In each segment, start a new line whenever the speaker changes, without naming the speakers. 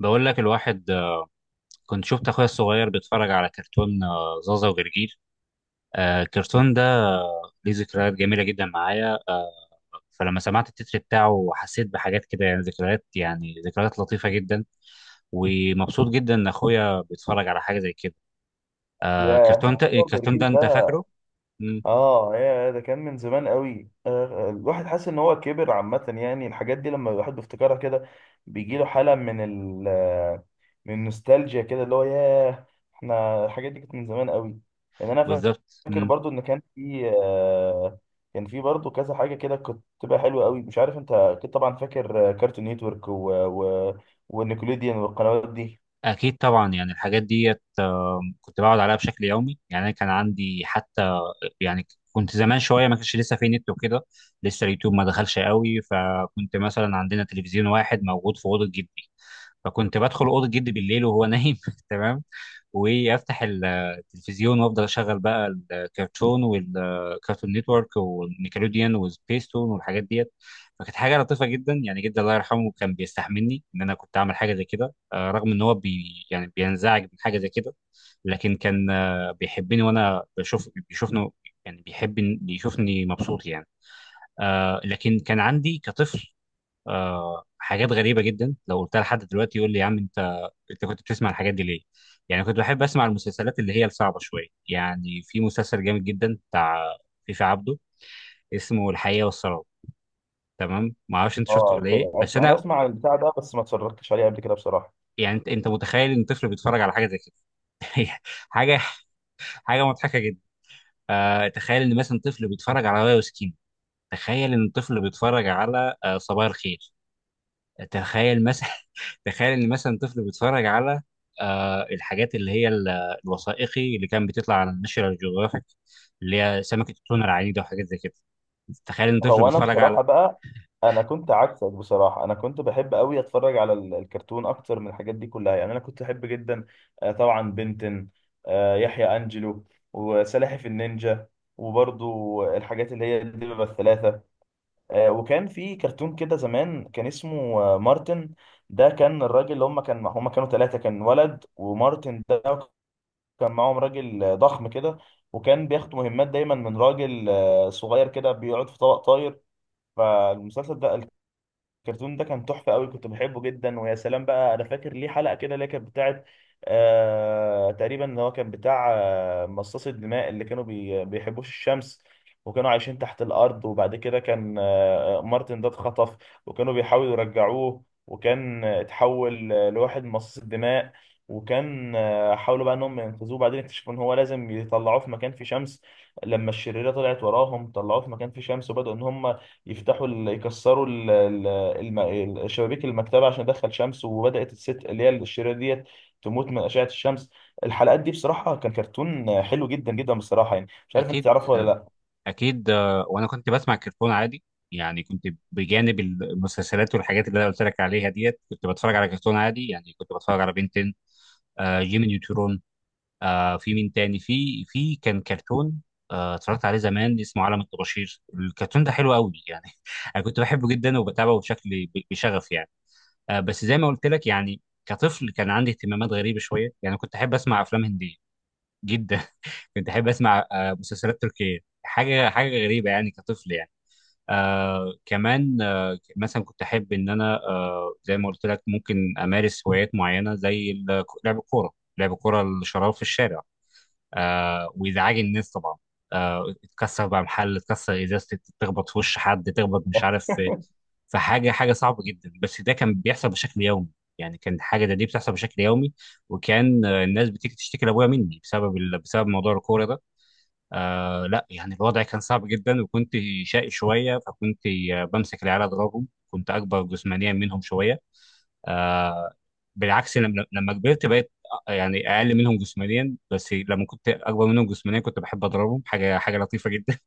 بقول لك الواحد كنت شفت اخويا الصغير بيتفرج على كرتون زازا وجرجير. الكرتون ده ليه ذكريات جميله جدا معايا فلما سمعت التتر بتاعه حسيت بحاجات كده يعني ذكريات لطيفه جدا، ومبسوط جدا ان اخويا بيتفرج على حاجه زي كده.
يا،
الكرتون ده
هو
الكرتون
جرجير
ده انت
ده؟
فاكره؟ مم،
اه، يا، ده كان من زمان قوي. الواحد حاسس ان هو كبر عامة. يعني الحاجات دي لما الواحد بيفتكرها كده بيجي له حالة من ال آه، من النوستالجيا كده اللي هو ياه. احنا الحاجات دي كانت من زمان قوي. يعني انا
بالظبط.
فاكر
مم.
برضو ان كان في برضو كذا حاجة كده كنت بتبقى حلوة قوي. مش عارف، انت اكيد طبعا فاكر كارتون نيتورك ونيكوليديان والقنوات دي.
اكيد طبعا، يعني الحاجات ديت كنت بقعد عليها بشكل يومي، يعني انا كان عندي حتى، يعني كنت زمان شويه ما كانش لسه في نت وكده، لسه اليوتيوب ما دخلش قوي، فكنت مثلا عندنا تلفزيون واحد موجود في اوضه جدي، فكنت بدخل اوضه جدي بالليل وهو نايم تمام. وافتح التلفزيون وافضل اشغل بقى الكرتون والكرتون نتورك والنيكلوديان وسبيستون والحاجات ديت. فكانت حاجه لطيفه جدا يعني، جدا الله يرحمه كان بيستحملني ان انا كنت اعمل حاجه زي كده، رغم ان هو بي يعني بينزعج من حاجه زي كده، لكن كان بيحبني وانا بشوف بيشوفني، يعني بيحب، بيشوفني مبسوط يعني. لكن كان عندي كطفل حاجات غريبه جدا، لو قلتها لحد دلوقتي يقول لي يا عم انت كنت بتسمع الحاجات دي ليه؟ يعني كنت بحب اسمع المسلسلات اللي هي الصعبه شويه، يعني في مسلسل جامد جدا بتاع فيفي عبده اسمه الحقيقه والسراب. تمام؟ ما اعرفش انت شفته
اه
ولا ايه،
كده
بس
انا
انا
اسمع عن البتاع ده، بس ما اتفرجتش عليه قبل كده بصراحة.
يعني، انت متخيل ان طفل بيتفرج على حاجه زي كده؟ حاجه، حاجه مضحكه جدا. تخيل ان مثلا طفل بيتفرج على واي وسكين، تخيل ان طفل بيتفرج على صباح الخير، تخيل مثلا، تخيل ان مثلا طفل بيتفرج على الحاجات الوثائقي اللي كان بيطلع على الناشونال جيوغرافيك، اللي هي سمكة التونة العنيدة وحاجات زي كده. تخيل ان طفل
هو انا
بيتفرج على.
بصراحه بقى، انا كنت عكسك بصراحه. انا كنت بحب قوي اتفرج على الكرتون اكتر من الحاجات دي كلها. يعني انا كنت احب جدا، آه، طبعا بنتن آه، يحيى انجلو، وسلاحف النينجا، وبرضو الحاجات اللي هي الدببة الثلاثة. وكان في كرتون كده زمان كان اسمه مارتن. ده كان الراجل اللي هم كانوا ثلاثة. كان ولد، ومارتن ده، كان معاهم راجل ضخم كده، وكان بياخد مهمات دايما من راجل صغير كده بيقعد في طبق طاير. فالمسلسل ده، الكرتون ده كان تحفة قوي، كنت بحبه جدا. ويا سلام بقى، انا فاكر ليه حلقة كده اللي هي كانت بتاعت تقريبا ان هو كان بتاع مصاص الدماء اللي كانوا بيحبوش الشمس وكانوا عايشين تحت الارض. وبعد كده كان مارتن ده اتخطف، وكانوا بيحاولوا يرجعوه، وكان اتحول لواحد من مصاص الدماء. وكان حاولوا بقى انهم ينقذوه، بعدين اكتشفوا ان هو لازم يطلعوه في مكان فيه شمس. لما الشريرة طلعت وراهم، طلعوه في مكان فيه شمس، وبدأوا ان هم يكسروا شبابيك المكتبه عشان ادخل شمس، وبدات الست اللي هي الشريره ديت تموت من اشعه الشمس. الحلقات دي بصراحه كان كرتون حلو جدا جدا بصراحه، يعني مش عارف انت
اكيد،
تعرفه ولا لا.
اكيد وانا كنت بسمع كرتون عادي، يعني كنت بجانب المسلسلات والحاجات اللي انا قلت لك عليها ديت، كنت بتفرج على كرتون عادي، يعني كنت بتفرج على بنتين، جيمي نيوترون، في مين تاني، في كان كرتون اتفرجت عليه زمان اسمه عالم الطباشير. الكرتون ده حلو قوي يعني، انا كنت بحبه جدا وبتابعه بشكل بشغف يعني. بس زي ما قلت لك، يعني كطفل كان عندي اهتمامات غريبه شويه، يعني كنت احب اسمع افلام هنديه جدا، كنت احب اسمع مسلسلات تركيه، حاجه، حاجه غريبه يعني كطفل يعني. كمان مثلا كنت احب ان انا زي ما قلت لك ممكن امارس هوايات معينه زي لعب الكوره، لعب الكوره الشراب في الشارع. ويزعج الناس طبعا، تكسر بقى محل، تكسر ازازه، تخبط في وش حد، تخبط مش عارف في، في حاجه، حاجه صعبه جدا، بس ده كان بيحصل بشكل يومي. يعني كان حاجه دي بتحصل بشكل يومي، وكان الناس بتيجي تشتكي لابويا مني بسبب بسبب موضوع الكوره ده. لا يعني الوضع كان صعب جدا، وكنت شقي شويه، فكنت بمسك العيال اضربهم، كنت اكبر جسمانيا منهم شويه. آه، بالعكس لما كبرت بقيت يعني اقل منهم جسمانيا، بس لما كنت اكبر منهم جسمانيا كنت بحب اضربهم، حاجه، حاجه لطيفه جدا.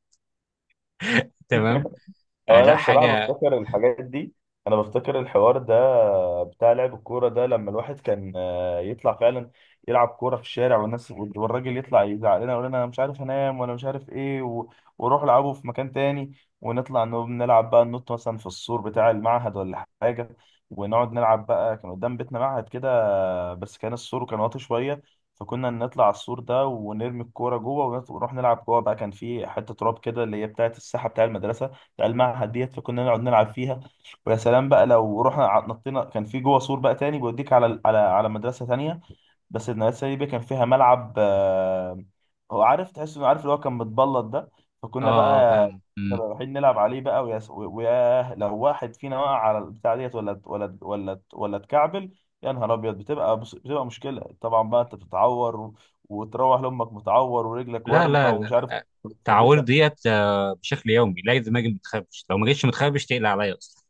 تمام. آه،
هو انا
لا
بصراحه
حاجه.
بفتكر الحاجات دي، انا بفتكر الحوار ده بتاع لعب الكوره ده، لما الواحد كان يطلع فعلا يلعب كوره في الشارع، والناس والراجل يطلع يزعق لنا، يقول لنا انا مش عارف انام ولا مش عارف ايه وروح العبوا في مكان تاني. ونطلع نلعب بقى، ننط مثلا في السور بتاع المعهد ولا حاجه، ونقعد نلعب بقى. كان قدام بيتنا معهد كده، بس كان السور كان واطي شويه، فكنا نطلع على السور ده ونرمي الكوره جوه، ونروح نلعب جوه بقى. كان في حته تراب كده اللي هي بتاعه الساحه بتاع المدرسه بتاع المعهد ديت، فكنا نقعد نلعب فيها. ويا سلام بقى لو رحنا نطينا، كان في جوه سور بقى تاني بيوديك على ال- على على مدرسه تانية. بس المدرسه دي بقى كان فيها ملعب، هو عارف، تحس انه عارف اللي هو كان متبلط ده.
اه،
فكنا بقى
فاهم.
كنا
مم.
رايحين نلعب عليه بقى. ويا لو واحد فينا وقع على البتاع ديت ولا اتكعبل، يا نهار ابيض، بتبقى مشكله طبعا بقى. انت بتتعور وتروح لامك متعور ورجلك
لا
ورمه
لا
ومش
لا،
عارف.
التعاوير
مخدشه.
ديت بشكل يومي، لا، لازم اجي متخربش، لو ما جيتش متخربش تقلق عليا اصلا.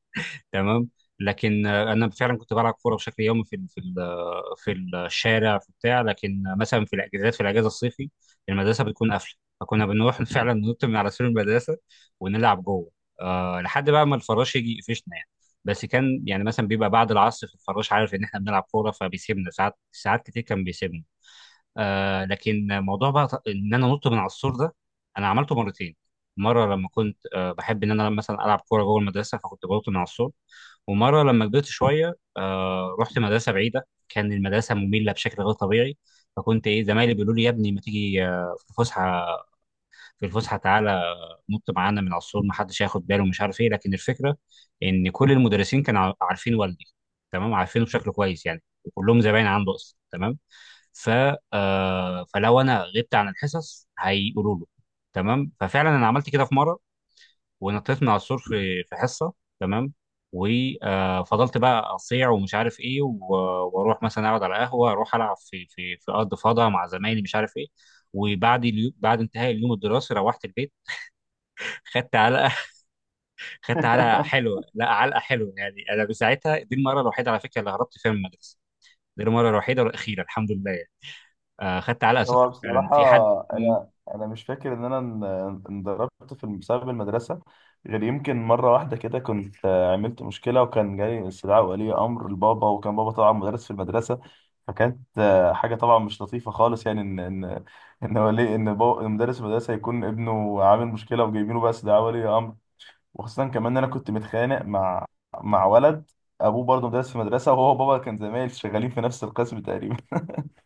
تمام. لكن انا فعلا كنت بلعب كوره بشكل يومي في ال- في ال- آه، في الشارع في بتاع، لكن مثلا في الاجازات، في الاجازه الصيفي المدرسه بتكون قافله، فكنا بنروح فعلا ننط من على سور المدرسه ونلعب جوه. أه لحد بقى ما الفراش يجي يقفشنا يعني، بس كان يعني مثلا بيبقى بعد العصر في الفراش عارف ان احنا بنلعب كوره، فبيسيبنا ساعات، ساعات كتير كان بيسيبنا. أه لكن موضوع بقى ان انا نط من على السور ده، انا عملته مرتين. مره لما كنت أه بحب ان انا مثلا العب كوره جوه المدرسه، فكنت بنط من على السور، ومره لما كبرت شويه رحت مدرسه بعيده، كان المدرسه ممله بشكل غير طبيعي، فكنت ايه زمايلي بيقولوا لي يا ابني ما تيجي في الفسحه، تعالى نط معانا من على السور، ما حدش هياخد باله ومش عارف ايه، لكن الفكره ان كل المدرسين كانوا عارفين والدي، تمام؟ عارفينه بشكل كويس يعني، وكلهم زباين عنده اصلا، تمام؟ ف فلو انا غبت عن الحصص هيقولوا له، تمام؟ ففعلا انا عملت كده في مره، ونطيت من على السور في حصه، تمام؟ وفضلت بقى اصيع ومش عارف ايه، واروح مثلا اقعد على قهوه، اروح العب في ارض فضاء مع زمايلي مش عارف ايه. وبعد بعد انتهاء اليوم الدراسي روحت البيت، خدت علقه. خدت علقه حلوه، لا علقه حلوه، يعني انا بساعتها دي المره الوحيده على فكره اللي هربت فيها من المدرسه. دي المره الوحيده والاخيره الحمد لله يعني. آه، خدت علقه
هو
سخنه فعلا
بصراحة،
في حد. مم.
أنا أنا مش فاكر إن أنا انضربت في بسبب المدرسة غير يمكن مرة واحدة كده. كنت عملت مشكلة، وكان جاي استدعاء ولي أمر لبابا، وكان بابا طبعا مدرس في المدرسة. فكانت حاجة طبعا مش لطيفة خالص، يعني إن بابا مدرس المدرسة يكون ابنه عامل مشكلة وجايبينه بقى استدعاء ولي أمر. وخاصة كمان إن أنا كنت متخانق مع ولد أبوه برضه مدرس في مدرسة، وهو وبابا كان زمايل شغالين في نفس القسم تقريبا.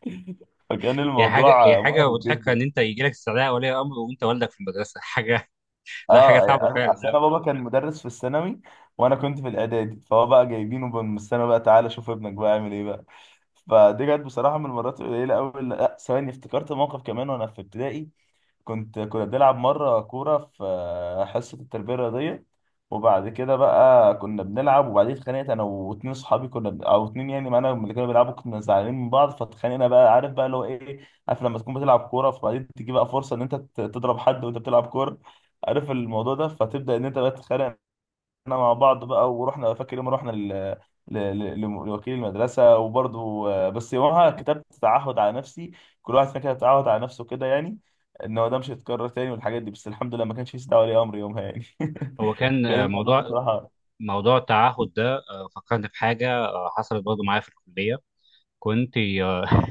فكان
هي حاجه، هي
الموضوع
حاجه
محرج
مضحكه
جدا.
ان انت يجي لك استدعاء ولي امر وانت والدك في المدرسه. حاجه، لا حاجه
اه،
صعبه
اصل
فعلا.
انا بابا كان مدرس في الثانوي، وانا كنت في الاعدادي، فهو بقى جايبينه بقى من الثانوي بقى، تعالى شوف ابنك بقى عامل ايه بقى. فدي كانت بصراحه من المرات القليله قوي. لا ثواني، افتكرت موقف كمان وانا في ابتدائي. كنا بنلعب مرة كورة في حصة التربية الرياضية، وبعد كده بقى كنا بنلعب، وبعدين اتخانقت انا واتنين صحابي كنا او اتنين يعني معانا من اللي كانوا بيلعبوا. كنا زعلانين من بعض فاتخانقنا بقى، عارف بقى اللي هو ايه، عارف لما تكون بتلعب كورة، فبعدين تيجي بقى فرصة ان انت تضرب حد وانت بتلعب كورة. عارف الموضوع ده، فتبدأ ان انت بقى تتخانق احنا مع بعض بقى. ورحنا، فاكر يوم رحنا لوكيل المدرسه وبرضه بس يومها كتبت تعهد على نفسي، كل واحد فينا كتب تعهد على نفسه كده يعني، ان هو ده مش هيتكرر تاني والحاجات دي. بس الحمد لله ما كانش في دعوه ولي امر يومها يعني.
هو كان
كان الموضوع
موضوع،
بصراحه
موضوع التعهد ده فكرني بحاجه حصلت برضه معايا في الكليه. كنت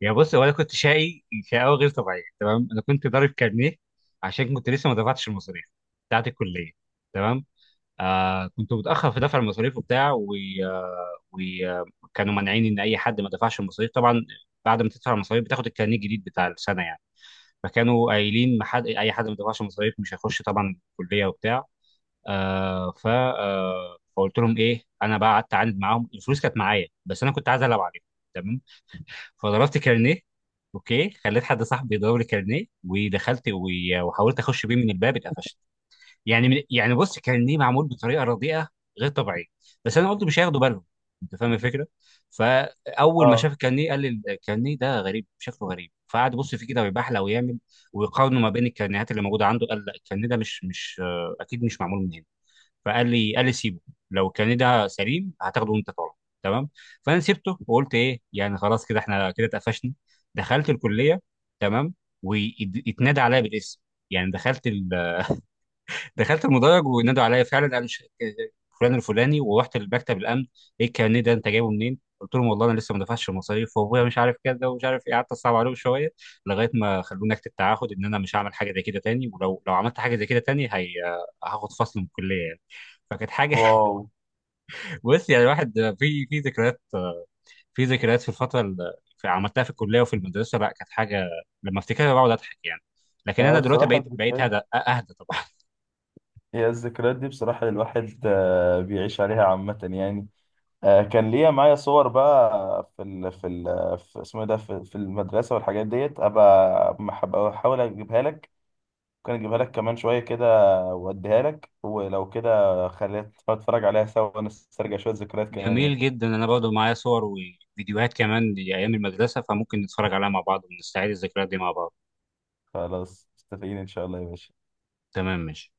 يعني بص هو انا كنت شقي شقاوه غير طبيعيه، تمام؟ انا كنت ضارب كارنيه عشان كنت لسه ما دفعتش المصاريف بتاعت الكليه، تمام؟ كنت متاخر في دفع المصاريف وبتاع، وكانوا مانعين ان اي حد ما دفعش المصاريف طبعا، بعد ما تدفع المصاريف بتاخد الكارنيه الجديد بتاع السنه يعني، فكانوا قايلين ما حد، اي حد ما دفعش المصاريف مش هيخش طبعا الكليه وبتاع. آه ف آه فقلت لهم ايه، انا بقى قعدت اعاند معاهم، الفلوس كانت معايا بس انا كنت عايز العب عليهم، تمام؟ فضربت كارنيه، اوكي، خليت حد صاحبي يضرب لي كارنيه، ودخلت وحاولت اخش بيه من الباب، اتقفشت. يعني من، يعني بص كارنيه معمول بطريقه رديئه، غير طبيعيه، بس انا قلت مش هياخدوا بالهم، انت فاهم الفكره؟ فاول ما
اه،
شاف الكارنيه قال لي الكارنيه ده غريب، شكله غريب، فقعد يبص فيه كده ويبحلق ويعمل، ويقارنه ما بين الكارنيهات اللي موجوده عنده، قال لا الكارنيه ده مش اكيد مش معمول من هنا، فقال لي، قال لي سيبه، لو كان ده سليم هتاخده وانت طالع، تمام؟ فانا سبته وقلت ايه يعني خلاص كده، احنا كده اتقفشنا. دخلت الكليه، تمام؟ واتنادى عليا بالاسم، يعني دخلت دخلت المدرج، ونادوا عليا فعلا، قالوا فلان الفلاني، ورحت لمكتب الامن. ايه الكارنيه ده انت جايبه منين؟ قلت لهم والله انا لسه ما دفعتش المصاريف وابويا مش عارف كده ومش عارف ايه، قعدت اصعب عليهم شويه، لغايه ما خلوني اكتب تعهد ان انا مش هعمل حاجه زي كده تاني، ولو عملت حاجه زي كده تاني هاخد فصل من الكليه يعني. فكانت حاجه،
واو.
بص يعني الواحد في، في ذكريات، في ذكريات في الفتره اللي عملتها في الكليه وفي المدرسه، لا كانت حاجه لما افتكرها بقعد اضحك يعني. لكن
هي
انا دلوقتي
بصراحه
بقيت بقيت
الذكريات،
هدى اهدى طبعا.
هي الذكريات دي بصراحه الواحد بيعيش عليها عامه يعني. كان ليا معايا صور بقى في اسمه إيه ده في المدرسه والحاجات ديت، ابقى احاول اجيبها لك. ممكن اجيبها لك كمان شويه كده، واديها لك، ولو كده خلينا نتفرج عليها سوا، ونسترجع شويه ذكريات كمان يعني.
جميل جدا، انا برضو معايا صور وفيديوهات كمان لايام المدرسه، فممكن نتفرج عليها مع بعض ونستعيد الذكريات دي مع بعض.
خلاص، متفقين ان شاء الله يا باشا.
تمام، ماشي.